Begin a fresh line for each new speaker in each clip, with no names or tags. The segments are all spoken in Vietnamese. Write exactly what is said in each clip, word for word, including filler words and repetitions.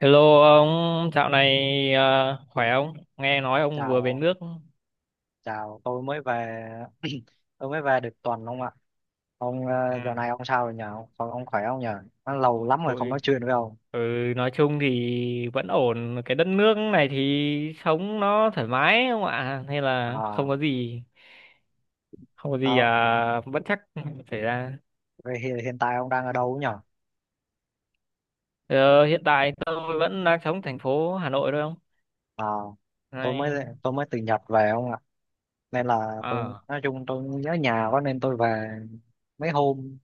Hello ông, dạo này à, khỏe không? Nghe nói ông vừa về
Chào,
nước.
chào, tôi mới về, tôi mới về được tuần ông ạ. Ông ờ, giờ
À,
này ông sao rồi nhờ? Ông, ông khỏe không nhờ? Nó lâu lắm rồi không nói
ôi,
chuyện với ông.
ừ, nói chung thì vẫn ổn. Cái đất nước này thì sống nó thoải mái không ạ? Hay là không
À,
có gì, không có gì
tao,
à, bất trắc xảy ra.
vậy hiện, hiện tại ông đang ở đâu nhờ?
Ờ, Hiện tại tôi vẫn đang sống thành phố Hà Nội thôi không?
À, tôi mới
Này,
tôi mới từ Nhật về ông ạ. Nên là tôi
à,
nói chung tôi nhớ nhà quá nên tôi về mấy hôm.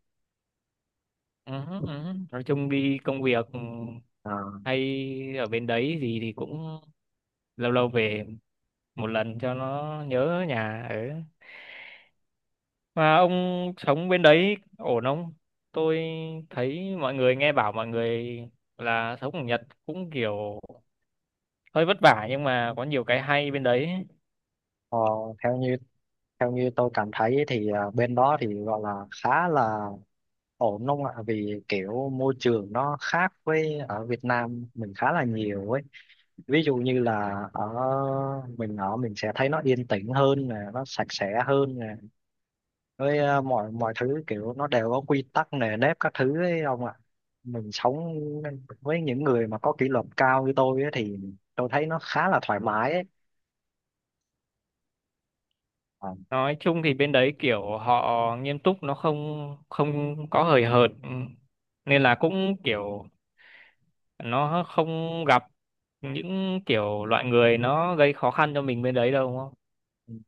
ừ, ừ. Nói chung đi công việc
À,
hay ở bên đấy gì thì cũng lâu lâu về một lần cho nó nhớ nhà ở. Mà ông sống bên đấy ổn không? Tôi thấy mọi người nghe bảo mọi người là sống ở Nhật cũng kiểu hơi vất vả, nhưng mà có nhiều cái hay bên đấy.
Ờ, theo như theo như tôi cảm thấy ấy thì à, bên đó thì gọi là khá là ổn đúng không ạ, vì kiểu môi trường nó khác với ở Việt Nam mình khá là nhiều ấy, ví dụ như là ở mình, ở mình sẽ thấy nó yên tĩnh hơn nè, nó sạch sẽ hơn nè, với à, mọi mọi thứ kiểu nó đều có quy tắc nề nếp các thứ ấy ông ạ. Mình sống với những người mà có kỷ luật cao như tôi ấy thì tôi thấy nó khá là thoải mái ấy. Ờ.
Nói chung thì bên đấy kiểu họ nghiêm túc, nó không không có hời hợt. Ừ. Nên là cũng kiểu nó không gặp những kiểu loại người nó gây khó khăn cho mình bên đấy đâu, đúng không?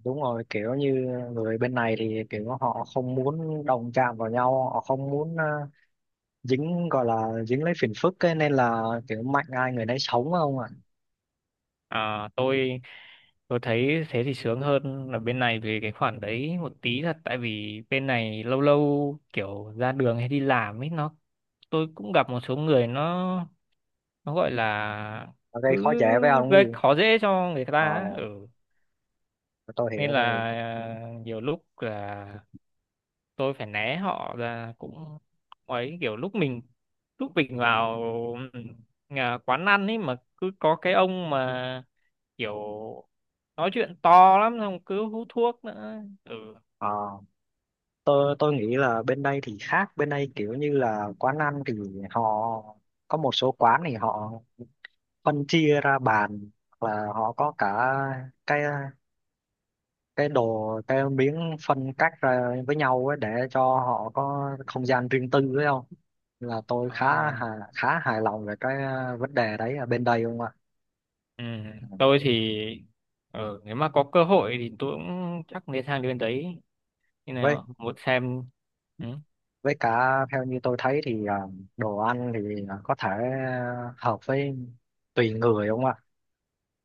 Đúng rồi, kiểu như người bên này thì kiểu họ không muốn đụng chạm vào nhau, họ không muốn ờ, dính, gọi là dính lấy phiền phức ấy, nên là kiểu mạnh ai người nấy sống không ạ.
À, tôi Tôi thấy thế thì sướng hơn là bên này về cái khoản đấy một tí thật. Tại vì bên này lâu lâu kiểu ra đường hay đi làm ấy, nó tôi cũng gặp một số người nó nó gọi là
Ở gây khó
cứ
dễ với ông cái
gây
gì.
khó dễ cho người
Ờ,
ta ấy. Ừ.
tôi
Nên
hiểu,
là
tôi hiểu
à, nhiều lúc là tôi phải né họ ra, cũng ấy kiểu lúc mình lúc mình vào, ừ, nhà quán ăn ấy, mà cứ có cái ông mà kiểu nói chuyện to lắm xong cứ hút thuốc nữa ừ
ờ, tôi tôi nghĩ là bên đây thì khác, bên đây kiểu như là quán ăn thì họ, có một số quán thì họ phân chia ra bàn, hoặc là họ có cả cái cái đồ, cái miếng phân cắt ra với nhau ấy để cho họ có không gian riêng tư ấy không, là tôi khá
à,
hài, khá hài lòng về cái ờ, vấn đề đấy ở bên đây không ạ.
ừ tôi thì, ừ, nếu mà có cơ hội thì tôi cũng chắc nên sang đến đấy như
với
nào muốn xem. Ừ.
với cả theo như tôi thấy thì ờ, đồ ăn thì có thể ờ, hợp với, tùy người không ạ,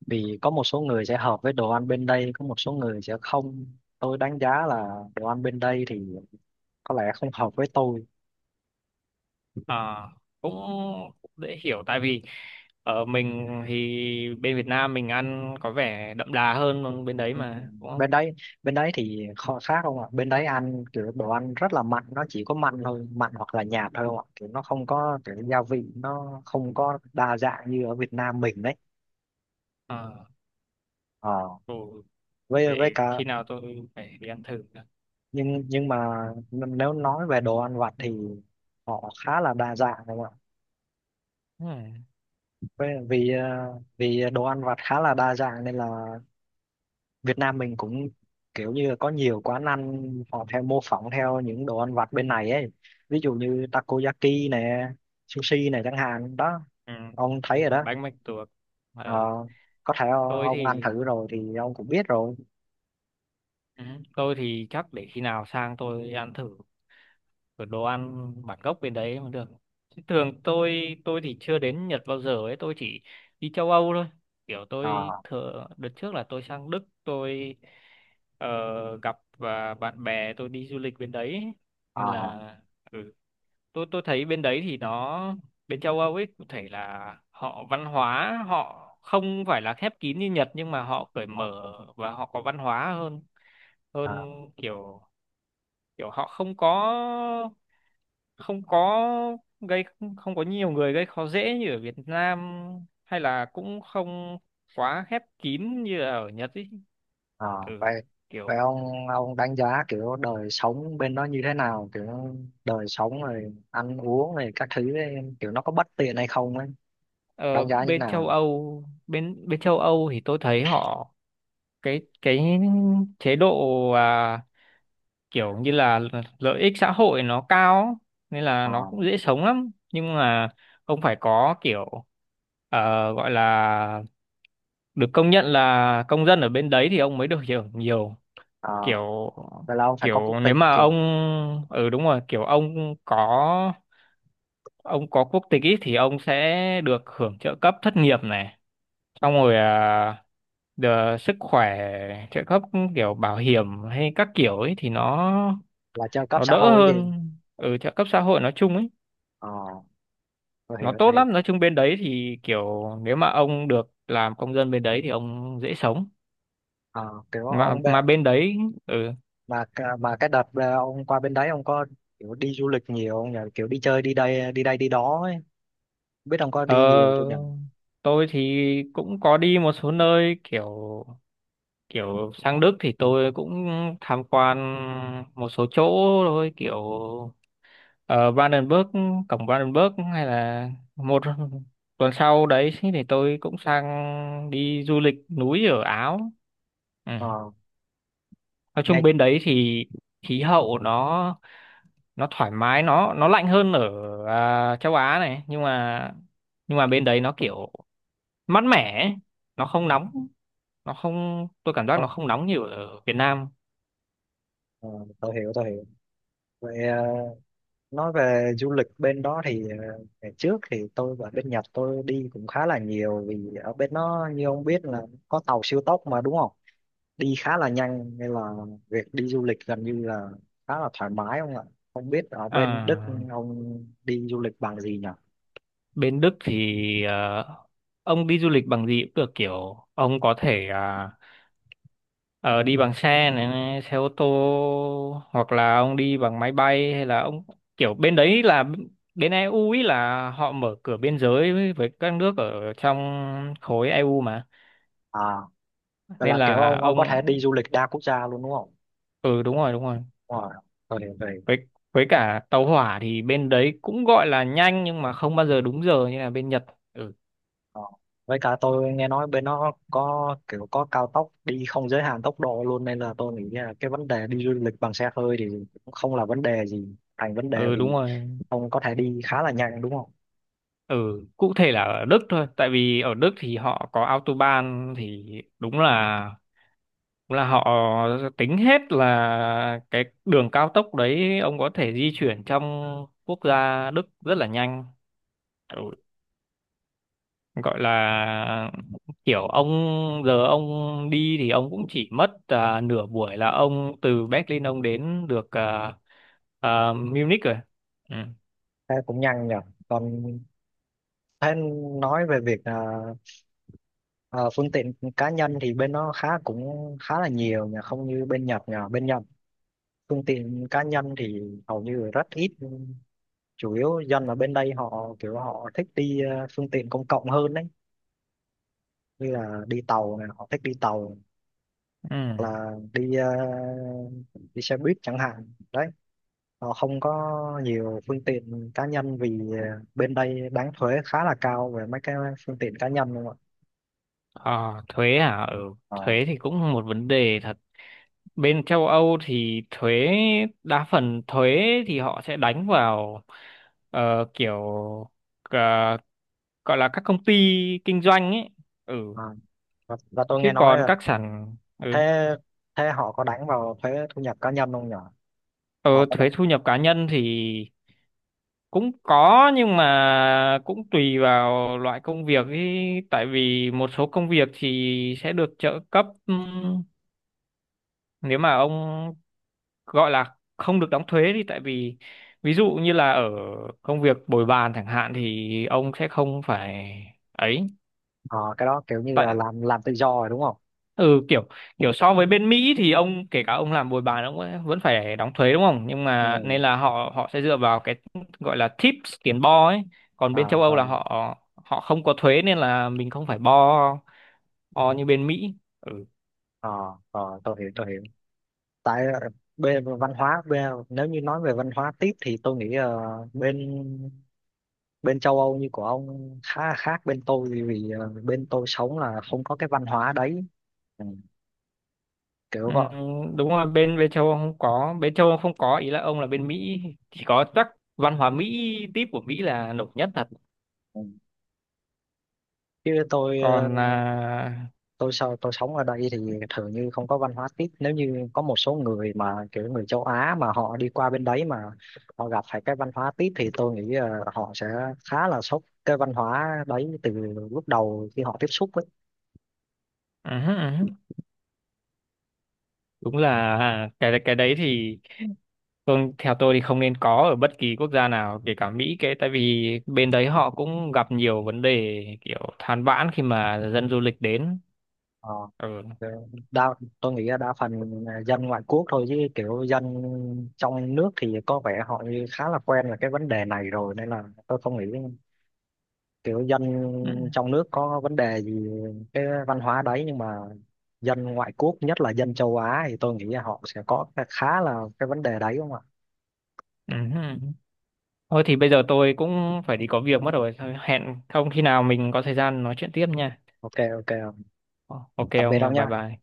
vì có một số người sẽ hợp với đồ ăn bên đây, có một số người sẽ không. Tôi đánh giá là đồ ăn bên đây thì có lẽ không hợp với tôi.
à, Cũng dễ hiểu, tại vì ở mình thì bên Việt Nam mình ăn có vẻ đậm đà hơn, còn bên đấy
Ừ.
mà đúng không?
bên đấy bên đấy thì kho khác không ạ, bên đấy ăn kiểu đồ ăn rất là mặn, nó chỉ có mặn thôi, mặn hoặc là nhạt thôi không ạ, kiểu nó không có kiểu gia vị, nó không có đa dạng như ở Việt Nam mình đấy.
à,
Ờ,
ừ.
với với
Để
cả
khi nào tôi phải đi ăn thử nữa.
nhưng nhưng mà n- nếu nói về đồ ăn vặt thì họ khá là đa dạng không ạ.
Ừ.
Với- vì ờ, vì đồ ăn vặt khá là đa dạng nên là Việt Nam mình cũng kiểu như là có nhiều quán ăn, họ theo mô phỏng theo những đồ ăn vặt bên này ấy, ví dụ như takoyaki nè, sushi này chẳng hạn đó,
Ừ.
ông thấy
Đúng
rồi
rồi,
đó.
bánh mạch tuộc.
Ờ,
Ờ,
có thể
tôi
ông ăn
thì.
thử rồi thì ông cũng biết rồi.
Ừ. Tôi thì chắc để khi nào sang tôi ăn thử cái đồ ăn bản gốc bên đấy mới được. Chứ thường tôi tôi thì chưa đến Nhật bao giờ ấy, tôi chỉ đi châu Âu thôi. Kiểu
Ờ,
tôi thường đợt trước là tôi sang Đức, tôi ờ, gặp và bạn bè tôi đi du lịch bên đấy ấy. Nên
ờ,
là ừ, tôi tôi thấy bên đấy thì nó, bên châu Âu ấy có thể là họ văn hóa họ không phải là khép kín như Nhật, nhưng mà họ cởi
ờ,
mở và họ có văn hóa hơn
ờ,
hơn kiểu kiểu họ không có không có gây không có nhiều người gây khó dễ như ở Việt Nam, hay là cũng không quá khép kín như là ở Nhật ấy.
ờ.
Ừ
vậy vậy
kiểu
ông ông đánh giá kiểu đời sống bên đó như thế nào, kiểu đời sống rồi ăn uống rồi các thứ ấy, kiểu nó có bất tiện hay không ấy,
ờ,
đánh giá như
Bên
nào.
châu Âu, bên bên châu Âu thì tôi thấy họ, cái cái chế độ, à, kiểu như là lợi ích xã hội nó cao, nên là
Ờ,
nó cũng dễ sống lắm. Nhưng mà ông phải có kiểu, ờ, gọi là được công nhận là công dân ở bên đấy thì ông mới được hưởng nhiều.
ờ.
kiểu
Vậy là ông phải có quốc
kiểu nếu
tịch.
mà ông, ừ đúng rồi, kiểu ông có ông có quốc tịch ý, thì ông sẽ được hưởng trợ cấp thất nghiệp này, xong rồi, à, đờ- sức khỏe, trợ cấp, kiểu bảo hiểm hay các kiểu ấy thì nó
Là trợ cấp
nó
xã
đỡ
hội gì.
hơn. Ừ trợ cấp xã hội nói chung ấy,
Ờ, tôi
nó
hiểu,
tốt
tôi hiểu
lắm. Nói chung bên đấy thì kiểu nếu mà ông được làm công dân bên đấy thì ông dễ sống,
ờ, kiểu
mà
ông
mà
bê-
bên đấy. ừ,
mà c- mà cái đợt ờ, ông qua bên đấy ông có kiểu đi du lịch nhiều không nhỉ, kiểu đi chơi đi đây, đi đây đi đó ấy. Không biết ông có đi nhiều chưa nhỉ.
ờ, tôi thì cũng có đi một số nơi, kiểu kiểu sang Đức thì tôi cũng tham quan một số chỗ thôi, kiểu ở Brandenburg, cổng Brandenburg hay là một tuần sau đấy thì tôi cũng sang đi du lịch núi ở Áo. Ừ.
Ờ
Nói chung
nghe
bên đấy thì khí hậu nó nó thoải mái, nó nó lạnh hơn ở à, châu Á này. Nhưng mà nhưng mà bên đấy nó kiểu mát mẻ ấy. Nó không nóng, nó không tôi cảm giác
không
nó không nóng nhiều ở Việt Nam.
ờ, tôi hiểu, tôi hiểu vậy ờ, nói về du lịch bên đó thì ờ, ngày trước thì tôi ở bên Nhật tôi đi cũng khá là nhiều, vì ở bên nó như ông biết là có tàu siêu tốc mà đúng không, đi khá là nhanh nên là việc đi du lịch gần như là khá là thoải mái không ạ. Không biết ở bên Đức
à,
ông đi du lịch bằng gì nhỉ.
Bên Đức thì, à, ông đi du lịch bằng gì cũng được, kiểu ông có thể, à, ờ, đi bằng xe, này, này, xe ô tô, hoặc là ông đi bằng máy bay, hay là ông kiểu bên đấy là bên e u ấy là họ mở cửa biên giới với với các nước ở trong khối e u mà.
À, vậy
Nên
là kiểu
là
ông ông có
ông,
thể đi du lịch đa quốc gia luôn đúng không.
ừ đúng rồi, đúng rồi.
Wow, tôi hiểu rồi.
Với với cả, tàu hỏa thì bên đấy cũng gọi là nhanh, nhưng mà không bao giờ đúng giờ như là bên Nhật. Ừ.
Ờ. Với cả tôi nghe nói bên nó có kiểu có cao tốc đi không giới hạn tốc độ luôn, nên là tôi nghĩ là cái vấn đề đi du lịch bằng xe hơi thì cũng không là vấn đề gì, thành vấn đề
Ừ,
vì
đúng rồi.
ông có thể đi khá là nhanh đúng không.
Ừ. Cụ thể là ở Đức thôi, tại vì ở Đức thì họ có autobahn, thì đúng là đúng là họ tính hết là cái đường cao tốc đấy, ông có thể di chuyển trong quốc gia Đức rất là nhanh. ừ Gọi là, kiểu ông giờ ông đi thì ông cũng chỉ mất à, nửa buổi là ông từ Berlin ông đến được, à, à, Munich rồi. Ừ.
Thế cũng nhanh nhỉ. Còn thế nói về việc à, Ờ, phương tiện cá nhân thì bên nó khá cũng khá là nhiều nhờ, không như bên Nhật nhờ, bên Nhật phương tiện cá nhân thì hầu như rất ít, chủ yếu dân ở bên đây họ kiểu họ thích đi ờ, phương tiện công cộng hơn đấy, như là đi tàu này, họ thích đi tàu,
Ừ.
hoặc là đi ờ, đi xe buýt chẳng hạn đấy, họ không có nhiều phương tiện cá nhân vì ờ, bên đây đánh thuế khá là cao về mấy cái phương tiện cá nhân luôn ạ.
Ờ, Thuế hả. Ừ.
Ờ,
Thuế thì cũng một vấn đề thật. Bên châu Âu thì thuế, đa phần thuế thì họ sẽ đánh vào, ờ, kiểu, ờ, gọi là các công ty kinh doanh ấy. ừ
ờ. và, và tôi
Chứ
nghe nói
còn
là,
các sản. Ừ.
thế, thế họ có đánh vào thuế thu nhập cá nhân không nhỉ,
Ờ,
họ có đánh.
Thuế thu nhập cá nhân thì cũng có, nhưng mà cũng tùy vào loại công việc ý. Tại vì một số công việc thì sẽ được trợ cấp, ừm, nếu mà ông gọi là không được đóng thuế đi. Tại vì ví dụ như là ở công việc bồi bàn chẳng hạn thì ông sẽ không phải ấy,
Ờ, cái đó kiểu như là
tại,
làm làm tự do rồi đúng không.
ừ kiểu kiểu so với bên Mỹ thì ông, kể cả ông làm bồi bàn, ông vẫn vẫn phải đóng thuế đúng không, nhưng mà
ừ
nên là họ họ sẽ dựa vào cái gọi là tips tiền bo ấy. Còn
à
bên châu Âu
ờ
là họ họ không có thuế, nên là mình không phải bo bo như bên Mỹ. Ừ.
ờ ờ, tôi hiểu, tôi hiểu tại ờ, bên văn hóa bên, nếu như nói về văn hóa tiếp thì tôi nghĩ ờ, bên, bên châu Âu như của ông khá là khác bên tôi vì, vì ờ, bên tôi sống là không có cái văn hóa đấy. Ừ, kiểu
Ừ,
gọi.
đúng rồi, bên bên châu Âu không có bên châu Âu không có ý là ông là bên Mỹ. Chỉ có chắc văn hóa Mỹ tip của Mỹ là nổi nhất thật.
Ừ, chứ tôi ờ,
Còn à,
tôi sao tôi sống ở đây thì thường như không có văn hóa tiếp, nếu như có một số người mà kiểu người châu Á mà họ đi qua bên đấy mà họ gặp phải cái văn hóa tiếp thì tôi nghĩ ờ, họ sẽ khá là sốc cái văn hóa đấy từ lúc đầu khi họ tiếp xúc ấy.
ừ, ừ, ừ. Đúng là à, cái cái đấy thì, vâng, theo tôi thì không nên có ở bất kỳ quốc gia nào, kể cả Mỹ, cái tại vì bên đấy họ cũng gặp nhiều vấn đề kiểu than vãn khi mà dân du lịch đến.
Ờ,
Ừ.
ờ, đa, tôi nghĩ là đa phần là dân ngoại quốc thôi, chứ kiểu dân trong nước thì có vẻ họ như khá là quen là cái vấn đề này rồi, nên là tôi không nghĩ kiểu dân
Ừ.
trong nước có vấn đề gì cái văn hóa đấy, nhưng mà dân ngoại quốc nhất là dân châu Á thì tôi nghĩ là họ sẽ có khá là cái vấn đề đấy đúng không ạ.
Ừ. Thôi thì bây giờ tôi cũng phải đi có việc mất rồi. Thôi, hẹn không khi nào mình có thời gian nói chuyện tiếp nha.
OK, OK,
Ok
tạm
ông
biệt
nha,
ông
bye
nha.
bye.